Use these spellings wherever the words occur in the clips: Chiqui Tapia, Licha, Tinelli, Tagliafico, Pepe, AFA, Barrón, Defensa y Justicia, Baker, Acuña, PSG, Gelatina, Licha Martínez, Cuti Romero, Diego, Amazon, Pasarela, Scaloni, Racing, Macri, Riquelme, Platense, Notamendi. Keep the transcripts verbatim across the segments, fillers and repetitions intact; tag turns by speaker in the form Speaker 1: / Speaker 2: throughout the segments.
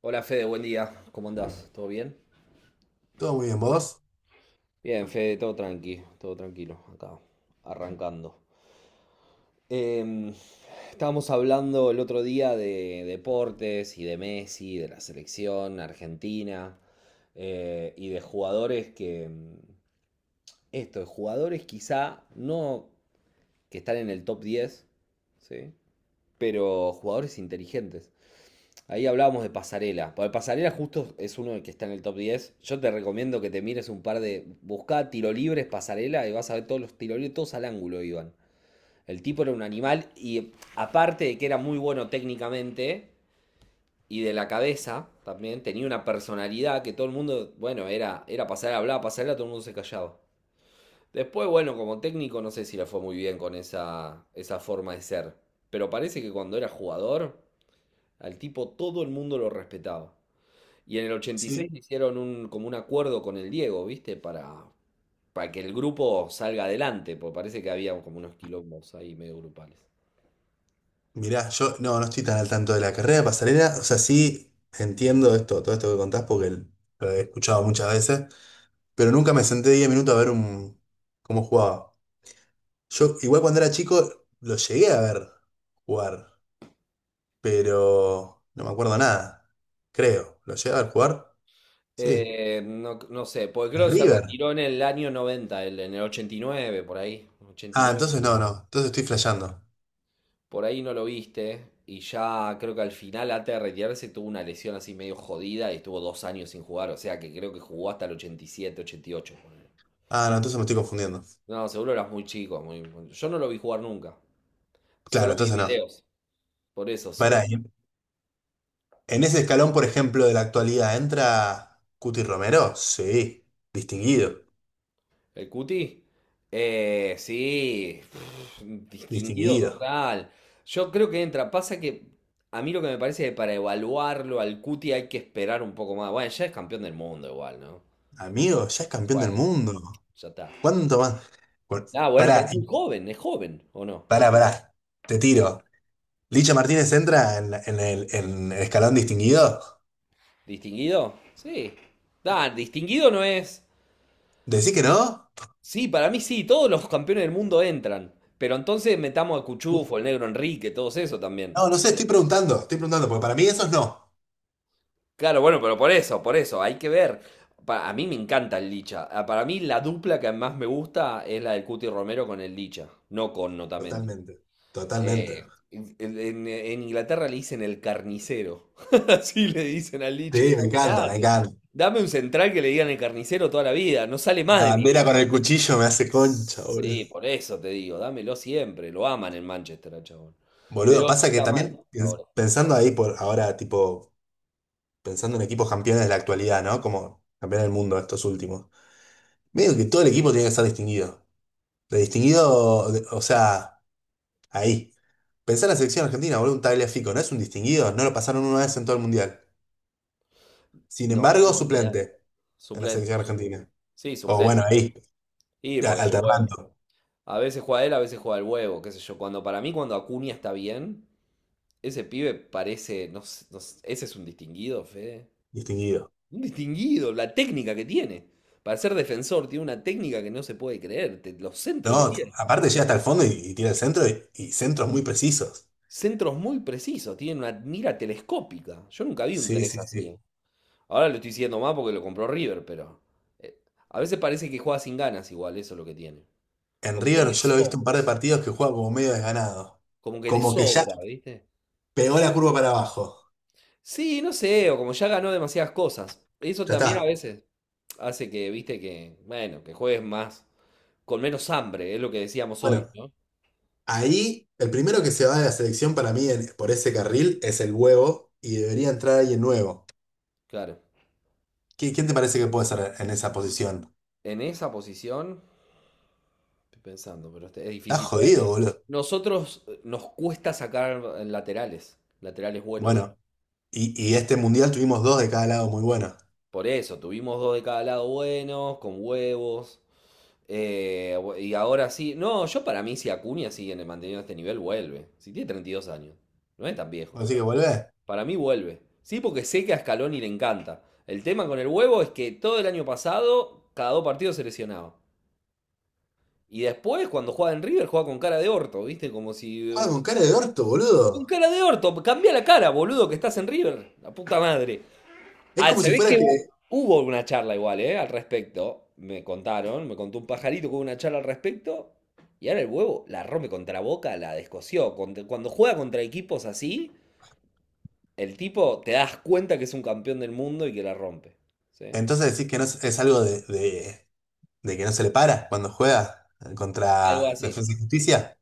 Speaker 1: Hola Fede, buen día. ¿Cómo andás? ¿Todo bien?
Speaker 2: Todo muy bien, vos.
Speaker 1: Bien, Fede, todo tranqui, todo tranquilo, acá, arrancando. Em, estábamos hablando el otro día de deportes y de Messi, de la selección argentina eh, y de jugadores que, mm, esto, de jugadores quizá no que están en el top diez, ¿sí? Pero jugadores inteligentes. Ahí hablábamos de Pasarela. Para Pasarela justo es uno que está en el top diez. Yo te recomiendo que te mires un par de... Buscá tiro libres, Pasarela, y vas a ver todos los tiro libres, todos al ángulo iban. El tipo era un animal y aparte de que era muy bueno técnicamente y de la cabeza también, tenía una personalidad que todo el mundo, bueno, era, era Pasarela, hablaba Pasarela, todo el mundo se callaba. Después, bueno, como técnico no sé si le fue muy bien con esa, esa forma de ser. Pero parece que cuando era jugador, al tipo todo el mundo lo respetaba. Y en el ochenta y seis
Speaker 2: Sí,
Speaker 1: hicieron un, como un acuerdo con el Diego, ¿viste? Para, para que el grupo salga adelante, porque parece que había como unos quilombos ahí medio grupales.
Speaker 2: mirá, yo no, no estoy tan al tanto de la carrera de Pasarela. O sea, sí entiendo esto, todo esto que contás porque l- lo he escuchado muchas veces, pero nunca me senté diez minutos a ver un, cómo jugaba. Yo, igual cuando era chico, lo llegué a ver jugar, pero no me acuerdo nada. Creo. ¿Lo llegué a ver jugar? Sí.
Speaker 1: Eh, no, no sé, pues creo
Speaker 2: ¿En
Speaker 1: que se
Speaker 2: River?
Speaker 1: retiró en el año noventa, el- en el ochenta y nueve por ahí.
Speaker 2: Ah,
Speaker 1: ochenta y nueve,
Speaker 2: entonces
Speaker 1: noventa.
Speaker 2: no, no. Entonces estoy flasheando.
Speaker 1: Por ahí no lo viste. Y ya creo que al final, antes de retirarse, tuvo una lesión así medio jodida y estuvo dos años sin jugar. O sea que creo que jugó hasta el ochenta y siete, ochenta y ocho. Ponele.
Speaker 2: Ah, no, entonces me estoy confundiendo.
Speaker 1: No, seguro eras muy chico. Muy, muy- Yo no lo vi jugar nunca.
Speaker 2: Claro,
Speaker 1: Solo vi
Speaker 2: entonces no.
Speaker 1: videos. Por eso, solo
Speaker 2: Pará, ¿y
Speaker 1: vi-
Speaker 2: En ese escalón, por ejemplo, de la actualidad, ¿entra Cuti Romero? Sí, distinguido,
Speaker 1: el cuti. Eh, sí, pff, distinguido
Speaker 2: distinguido.
Speaker 1: total. Yo creo que entra. Pasa que a mí lo que me parece es que para evaluarlo al cuti hay que esperar un poco más. Bueno, ya es campeón del mundo igual, ¿no?
Speaker 2: Amigo, ya es campeón del
Speaker 1: Bueno,
Speaker 2: mundo.
Speaker 1: ya está.
Speaker 2: ¿Cuánto más? Cu-
Speaker 1: Ah, bueno, pero
Speaker 2: Pará,
Speaker 1: es muy
Speaker 2: y-
Speaker 1: joven, es joven, ¿o no? El
Speaker 2: pará,
Speaker 1: Cuti.
Speaker 2: pará. Te tiro. ¿Licha Martínez entra en, la- en el, en el escalón distinguido?
Speaker 1: ¿Distinguido? Sí. Ah, distinguido no es.
Speaker 2: ¿Decís que no?
Speaker 1: Sí, para mí sí, todos los campeones del mundo entran. Pero entonces metamos a
Speaker 2: Uh,
Speaker 1: Cuchufo, el Negro Enrique, todos eso también.
Speaker 2: no, no sé, estoy preguntando, estoy preguntando, porque para mí eso es no.
Speaker 1: Claro, bueno, pero por eso, por eso, hay que ver. Pa- a mí me encanta el Licha. Ah, para mí la dupla que más me gusta es la del Cuti Romero con el Licha, no con Notamendi.
Speaker 2: Totalmente, totalmente.
Speaker 1: Eh, en, en- en Inglaterra le dicen el carnicero. Así le dicen al Licha,
Speaker 2: Sí, me encanta, me
Speaker 1: imagínate.
Speaker 2: encanta.
Speaker 1: Dame un central que le digan el carnicero toda la vida, no sale más
Speaker 2: La
Speaker 1: de mi
Speaker 2: bandera con
Speaker 1: equipo.
Speaker 2: el cuchillo me hace concha, boludo.
Speaker 1: Sí, por eso te digo, dámelo siempre. Lo aman en Manchester, al chabón.
Speaker 2: Boludo,
Speaker 1: Pero
Speaker 2: pasa que
Speaker 1: está mal
Speaker 2: también piens-
Speaker 1: ahora.
Speaker 2: pensando ahí por ahora, tipo, pensando en equipos campeones de la actualidad, ¿no? Como campeón del mundo estos últimos. Medio que todo el equipo tiene que estar distinguido. De distinguido, de- o sea, ahí. Pensá en la selección argentina, boludo, un Tagliafico, ¿no es un distinguido? No lo pasaron una vez en todo el mundial. Sin
Speaker 1: No,
Speaker 2: embargo,
Speaker 1: olvidar.
Speaker 2: suplente en la
Speaker 1: Suplente.
Speaker 2: selección argentina.
Speaker 1: Sí,
Speaker 2: O bueno,
Speaker 1: suplente.
Speaker 2: ahí,
Speaker 1: Sí,
Speaker 2: a-
Speaker 1: porque el huevo.
Speaker 2: alternando,
Speaker 1: A veces juega él, a veces juega el huevo, qué sé yo. Cuando para mí, cuando Acuña está bien, ese pibe parece. No, sé- no sé- ese es un distinguido, Fede.
Speaker 2: distinguido.
Speaker 1: Un distinguido, la técnica que tiene. Para ser defensor, tiene una técnica que no se puede creer. te- los centros que
Speaker 2: No, t-
Speaker 1: tiene.
Speaker 2: aparte llega hasta el fondo y, y tira el centro y, y centros muy precisos.
Speaker 1: Centros muy precisos, tiene una mira telescópica. Yo nunca vi un
Speaker 2: Sí,
Speaker 1: tres
Speaker 2: sí,
Speaker 1: así.
Speaker 2: sí.
Speaker 1: eh. Ahora lo estoy diciendo más porque lo compró River, pero. eh, a veces parece que juega sin ganas igual, eso es lo que tiene.
Speaker 2: En
Speaker 1: Como que
Speaker 2: River
Speaker 1: le
Speaker 2: yo lo he visto un
Speaker 1: sobra.
Speaker 2: par de partidos que juega como medio desganado.
Speaker 1: Como que le
Speaker 2: Como que ya
Speaker 1: sobra, ¿viste?
Speaker 2: pegó la curva para abajo.
Speaker 1: Sí, no sé, o como ya ganó demasiadas cosas. Eso
Speaker 2: Ya
Speaker 1: también a
Speaker 2: está.
Speaker 1: veces hace que, viste, que, bueno, que juegues más, con menos hambre, es lo que decíamos hoy,
Speaker 2: Bueno,
Speaker 1: ¿no?
Speaker 2: ahí el primero que se va de la selección para mí en- por ese carril es el huevo y debería entrar alguien nuevo.
Speaker 1: Claro.
Speaker 2: ¿Qui- ¿Quién te parece que puede ser en esa posición?
Speaker 1: En esa posición, estoy pensando, pero este- es
Speaker 2: Estás
Speaker 1: difícil poder.
Speaker 2: jodido, boludo.
Speaker 1: Nosotros eh, nos cuesta sacar eh, laterales, laterales buenos.
Speaker 2: Bueno, y, y este mundial tuvimos dos de cada lado muy buenos.
Speaker 1: Por eso, tuvimos dos de cada lado buenos, con huevos. eh, bu- y ahora sí, no, yo para mí si Acuña sigue manteniendo este nivel, vuelve. Si tiene treinta y dos años, no es tan viejo.
Speaker 2: Así que volvé.
Speaker 1: Para mí vuelve. Sí, porque sé que a Scaloni le encanta. El tema con el huevo es que todo el año pasado, cada dos partidos se lesionaba. Y después, cuando juega en River, juega con cara de orto, ¿viste? Como si.
Speaker 2: Juega con cara de orto,
Speaker 1: Con
Speaker 2: boludo.
Speaker 1: cara de orto, cambia la cara, boludo, que estás en River. La puta madre.
Speaker 2: Es
Speaker 1: Ah,
Speaker 2: como
Speaker 1: se
Speaker 2: si
Speaker 1: ve
Speaker 2: fuera
Speaker 1: que
Speaker 2: que...
Speaker 1: hu- hubo una charla igual, ¿eh? Al respecto. Me contaron, me contó un pajarito que hubo una charla al respecto. Y ahora el huevo la rompe contra Boca, la descoció. Contra- Cuando juega contra equipos así, el tipo te das cuenta que es un campeón del mundo y que la rompe. ¿Sí?
Speaker 2: Entonces decís que no es, es algo de, de de que no se le para cuando juega eh,
Speaker 1: Algo
Speaker 2: contra
Speaker 1: así.
Speaker 2: Defensa y Justicia.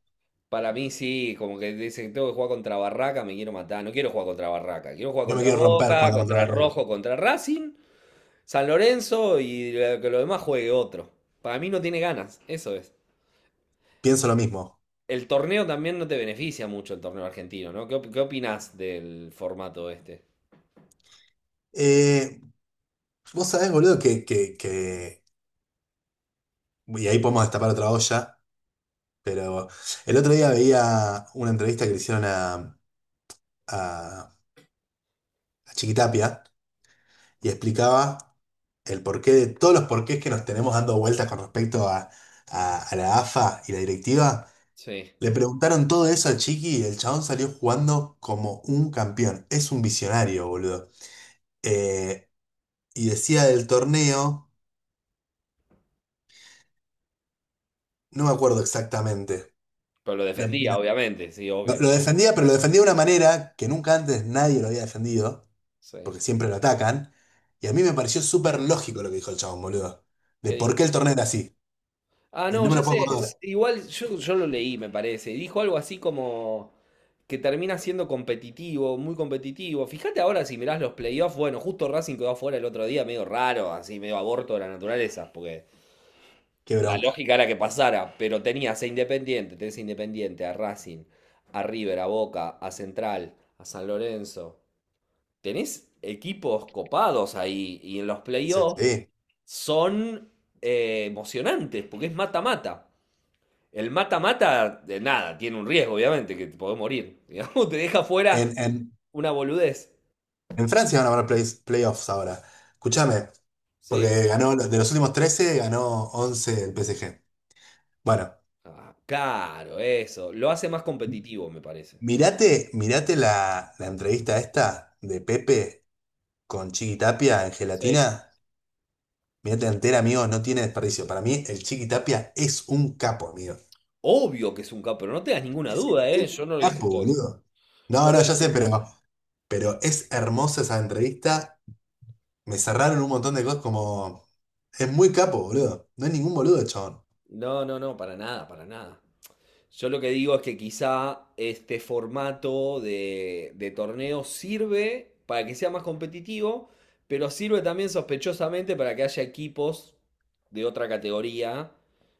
Speaker 1: Para mí sí, como que dicen, tengo que jugar contra Barraca, me quiero matar. No quiero jugar contra Barraca, quiero jugar
Speaker 2: No me
Speaker 1: contra
Speaker 2: quiero romper
Speaker 1: Boca,
Speaker 2: cuando contra
Speaker 1: contra el
Speaker 2: Barrón.
Speaker 1: Rojo, contra Racing, San Lorenzo y lo- que lo demás juegue otro. Para mí no tiene ganas, eso es.
Speaker 2: Pienso lo mismo.
Speaker 1: El torneo también no te beneficia mucho el torneo argentino, ¿no? ¿Qué, op- qué opinás del formato este?
Speaker 2: Eh, vos sabés, boludo, que, que, que- y ahí podemos destapar otra olla, pero el otro día veía una entrevista que le hicieron a, a, a Chiquitapia y explicaba el porqué de todos los porqués que nos tenemos dando vueltas con respecto a, a- a la A F A y la directiva.
Speaker 1: Sí.
Speaker 2: Le preguntaron todo eso al Chiqui y el chabón salió jugando como un campeón. Es un visionario, boludo. Eh, y decía del torneo, no me acuerdo exactamente.
Speaker 1: Pero lo
Speaker 2: La-
Speaker 1: defendía,
Speaker 2: la-
Speaker 1: obviamente, sí, obvio.
Speaker 2: Lo defendía, pero lo defendía de una manera que nunca antes nadie lo había defendido,
Speaker 1: Sí.
Speaker 2: porque siempre lo atacan. Y a mí me pareció súper lógico lo que dijo el chabón, boludo. De por
Speaker 1: ¿Qué
Speaker 2: qué el torneo era así.
Speaker 1: Ah,
Speaker 2: Eh,
Speaker 1: no,
Speaker 2: no me
Speaker 1: ya
Speaker 2: lo puedo
Speaker 1: sé, s-
Speaker 2: acordar.
Speaker 1: igual yo, yo lo leí, me parece. Dijo algo así como que termina siendo competitivo, muy competitivo. Fíjate ahora si mirás los playoffs, bueno, justo Racing quedó afuera el otro día, medio raro, así, medio aborto de la naturaleza, porque
Speaker 2: Qué
Speaker 1: la
Speaker 2: bronca.
Speaker 1: lógica era que pasara, pero tenías a Independiente, tenés a Independiente, a Racing, a River, a Boca, a Central, a San Lorenzo. Tenés equipos copados ahí y en los playoffs
Speaker 2: Sí.
Speaker 1: son eh, emocionantes, porque es mata-mata. El mata-mata, de nada, tiene un riesgo, obviamente, que te podés morir. Digamos, te deja
Speaker 2: En,
Speaker 1: fuera
Speaker 2: en,
Speaker 1: una boludez.
Speaker 2: En Francia van a haber play- playoffs ahora. Escúchame,
Speaker 1: Sí.
Speaker 2: porque ganó, de los últimos trece ganó once el P S G. Bueno,
Speaker 1: Ah, claro, eso. Lo hace más competitivo, me parece.
Speaker 2: mirate, mirate la, la entrevista esta de Pepe con Chiqui Tapia en
Speaker 1: Sí.
Speaker 2: Gelatina. Mirate entera, amigos, no tiene desperdicio. Para mí, el Chiqui Tapia es un capo, amigo.
Speaker 1: Obvio que es un capo, pero no tengas ninguna
Speaker 2: Es
Speaker 1: duda, ¿eh?
Speaker 2: un
Speaker 1: Yo no lo
Speaker 2: capo,
Speaker 1: discuto eso.
Speaker 2: boludo. No,
Speaker 1: No lo
Speaker 2: no, ya sé,
Speaker 1: discuto.
Speaker 2: pero, pero es hermosa esa entrevista. Me cerraron un montón de cosas como... Es muy capo, boludo. No hay ningún boludo, chabón.
Speaker 1: No, no, no, para nada, para nada. Yo lo que digo es que quizá este formato de, de torneo sirve para que sea más competitivo, pero sirve también sospechosamente para que haya equipos de otra categoría.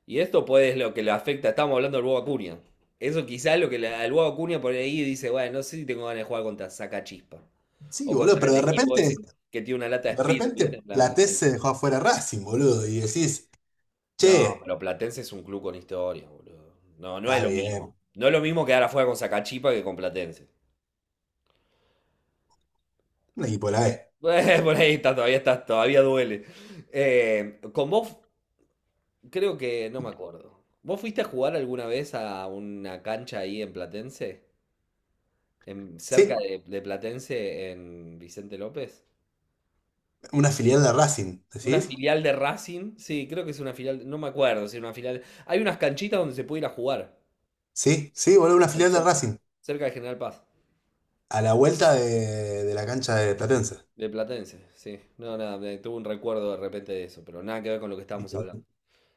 Speaker 1: Y esto pues es lo que le afecta. Estamos hablando del Bob Acuña. Eso quizá es lo que le, al Bob Acuña por ahí dice, bueno, no sé si tengo ganas de jugar contra Sacachispa.
Speaker 2: Sí,
Speaker 1: O
Speaker 2: boludo,
Speaker 1: contra
Speaker 2: pero
Speaker 1: el
Speaker 2: de
Speaker 1: equipo ese
Speaker 2: repente,
Speaker 1: que tiene una lata de
Speaker 2: de
Speaker 1: speed, ¿viste? En
Speaker 2: repente
Speaker 1: la,
Speaker 2: Platense
Speaker 1: en
Speaker 2: se dejó afuera a Racing, boludo, y decís,
Speaker 1: no,
Speaker 2: che,
Speaker 1: pero Platense es un club con historia, boludo. No, no es
Speaker 2: está
Speaker 1: lo
Speaker 2: bien,
Speaker 1: mismo. No es lo mismo quedar afuera con Sacachipa que con Platense.
Speaker 2: un equipo de la B.
Speaker 1: Eh, por ahí está, todavía está, todavía duele. Eh, con vos, creo que no me acuerdo. ¿Vos fuiste a jugar alguna vez a una cancha ahí en Platense? En, cerca
Speaker 2: Sí,
Speaker 1: de, de Platense, en Vicente López.
Speaker 2: una filial de Racing,
Speaker 1: Una
Speaker 2: ¿decís?
Speaker 1: filial de Racing, sí, creo que es una filial, no me acuerdo si era una filial. Hay unas canchitas donde se puede ir a jugar,
Speaker 2: Sí, sí, boludo, una
Speaker 1: ahí
Speaker 2: filial de
Speaker 1: cer-
Speaker 2: Racing,
Speaker 1: cerca de General Paz.
Speaker 2: a la vuelta de, de la cancha de Platense.
Speaker 1: De Platense, sí. No, nada, me tuve un recuerdo de repente de eso, pero nada que ver con lo que
Speaker 2: Y
Speaker 1: estábamos
Speaker 2: t-
Speaker 1: hablando.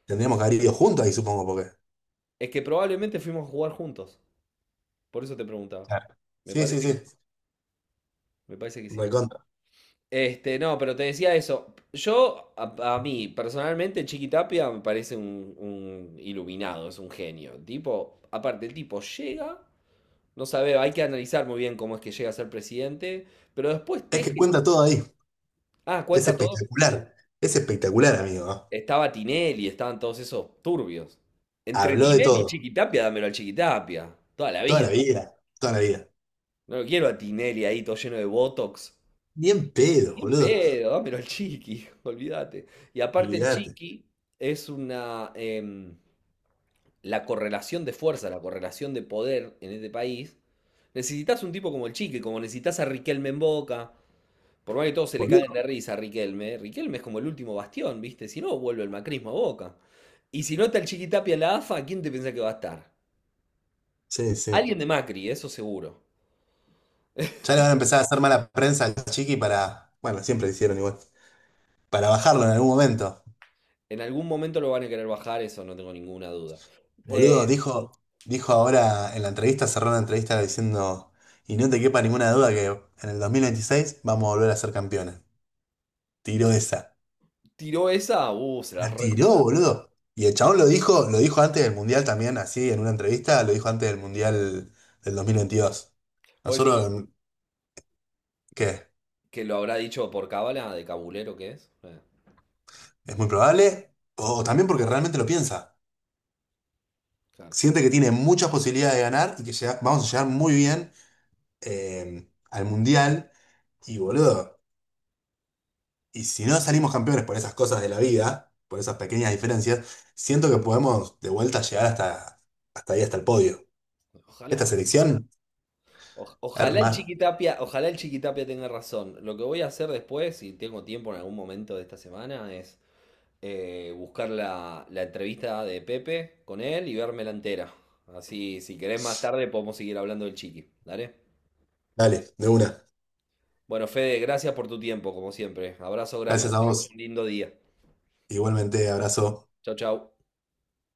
Speaker 2: tendríamos que haber ido juntos ahí, supongo, porque.
Speaker 1: Es que probablemente fuimos a jugar juntos, por eso te preguntaba.
Speaker 2: Claro.
Speaker 1: Me
Speaker 2: Sí, sí,
Speaker 1: parece que,
Speaker 2: sí,
Speaker 1: me parece que sí.
Speaker 2: recontra.
Speaker 1: Este, no, pero te decía eso. Yo, a, a mí, personalmente, Chiqui Tapia me parece un, un iluminado, es un genio. Tipo, aparte, el tipo llega, no sabe, hay que analizar muy bien cómo es que llega a ser presidente, pero después
Speaker 2: Es que
Speaker 1: teje.
Speaker 2: cuenta todo ahí,
Speaker 1: Ah,
Speaker 2: es
Speaker 1: cuenta todo.
Speaker 2: espectacular, es espectacular, amigo. ¿No?
Speaker 1: Estaba Tinelli, estaban todos esos turbios. Entre
Speaker 2: Habló de
Speaker 1: Tinelli y
Speaker 2: todo,
Speaker 1: Chiquitapia, dámelo al Chiquitapia. Toda la
Speaker 2: toda la
Speaker 1: vida.
Speaker 2: vida, toda la vida.
Speaker 1: No lo quiero a Tinelli ahí, todo lleno de botox.
Speaker 2: Bien pedo,
Speaker 1: Bien
Speaker 2: boludo,
Speaker 1: pedo, dámelo al Chiqui, olvídate. Y aparte el
Speaker 2: olvídate,
Speaker 1: Chiqui es una... em, la correlación de fuerza, la correlación de poder en este país. Necesitas un tipo como el Chiqui, como necesitas a Riquelme en Boca, por más que todos se le caen
Speaker 2: boludo.
Speaker 1: de risa a Riquelme, Riquelme es como el último bastión, ¿viste? Si no, vuelve el macrismo a Boca. Y si no está el Chiquitapia en la A F A, ¿quién te piensa que va a estar?
Speaker 2: Sí, sí.
Speaker 1: Alguien de Macri, eso seguro.
Speaker 2: Ya le van a empezar a hacer mala prensa al Chiqui para. Bueno, siempre lo hicieron igual. Para bajarlo en algún momento.
Speaker 1: En algún momento lo van a querer bajar, eso no tengo ninguna duda. Eh,
Speaker 2: Boludo, dijo, dijo ahora en la entrevista, cerró la entrevista diciendo. Y no te quepa ninguna duda que en el dos mil veintiséis vamos a volver a ser campeones. Tiró esa.
Speaker 1: tiró esa, uh, se la
Speaker 2: La tiró,
Speaker 1: rejugó.
Speaker 2: boludo. Y el chabón lo dijo, lo dijo antes del Mundial también, así, en una entrevista, lo dijo antes del Mundial del dos mil veintidós.
Speaker 1: ¿Puedo decir que,
Speaker 2: Nosotros, ¿qué?
Speaker 1: que lo habrá dicho por cábala, de cabulero que es? Eh,
Speaker 2: ¿Es muy probable? O también porque realmente lo piensa.
Speaker 1: claro.
Speaker 2: Siente que tiene muchas posibilidades de ganar y que llega- vamos a llegar muy bien eh, al Mundial. Y boludo, y si no salimos campeones por esas cosas de la vida, por esas pequeñas diferencias, siento que podemos de vuelta llegar hasta, hasta ahí, hasta el podio. Esta
Speaker 1: Ojalá.
Speaker 2: selección,
Speaker 1: O- ojalá el
Speaker 2: hermano,
Speaker 1: Chiquitapia, ojalá el Chiquitapia tenga razón. Lo que voy a hacer después, si tengo tiempo en algún momento de esta semana, es eh, buscar la, la entrevista de Pepe con él y vermela entera. Así, si querés más tarde podemos seguir hablando del chiqui. ¿Dale?
Speaker 2: dale, de una.
Speaker 1: Bueno, Fede, gracias por tu tiempo, como siempre. Abrazo grande,
Speaker 2: Gracias
Speaker 1: que
Speaker 2: a
Speaker 1: tengas
Speaker 2: vos.
Speaker 1: un lindo día.
Speaker 2: Igualmente, abrazo.
Speaker 1: Chau, chau.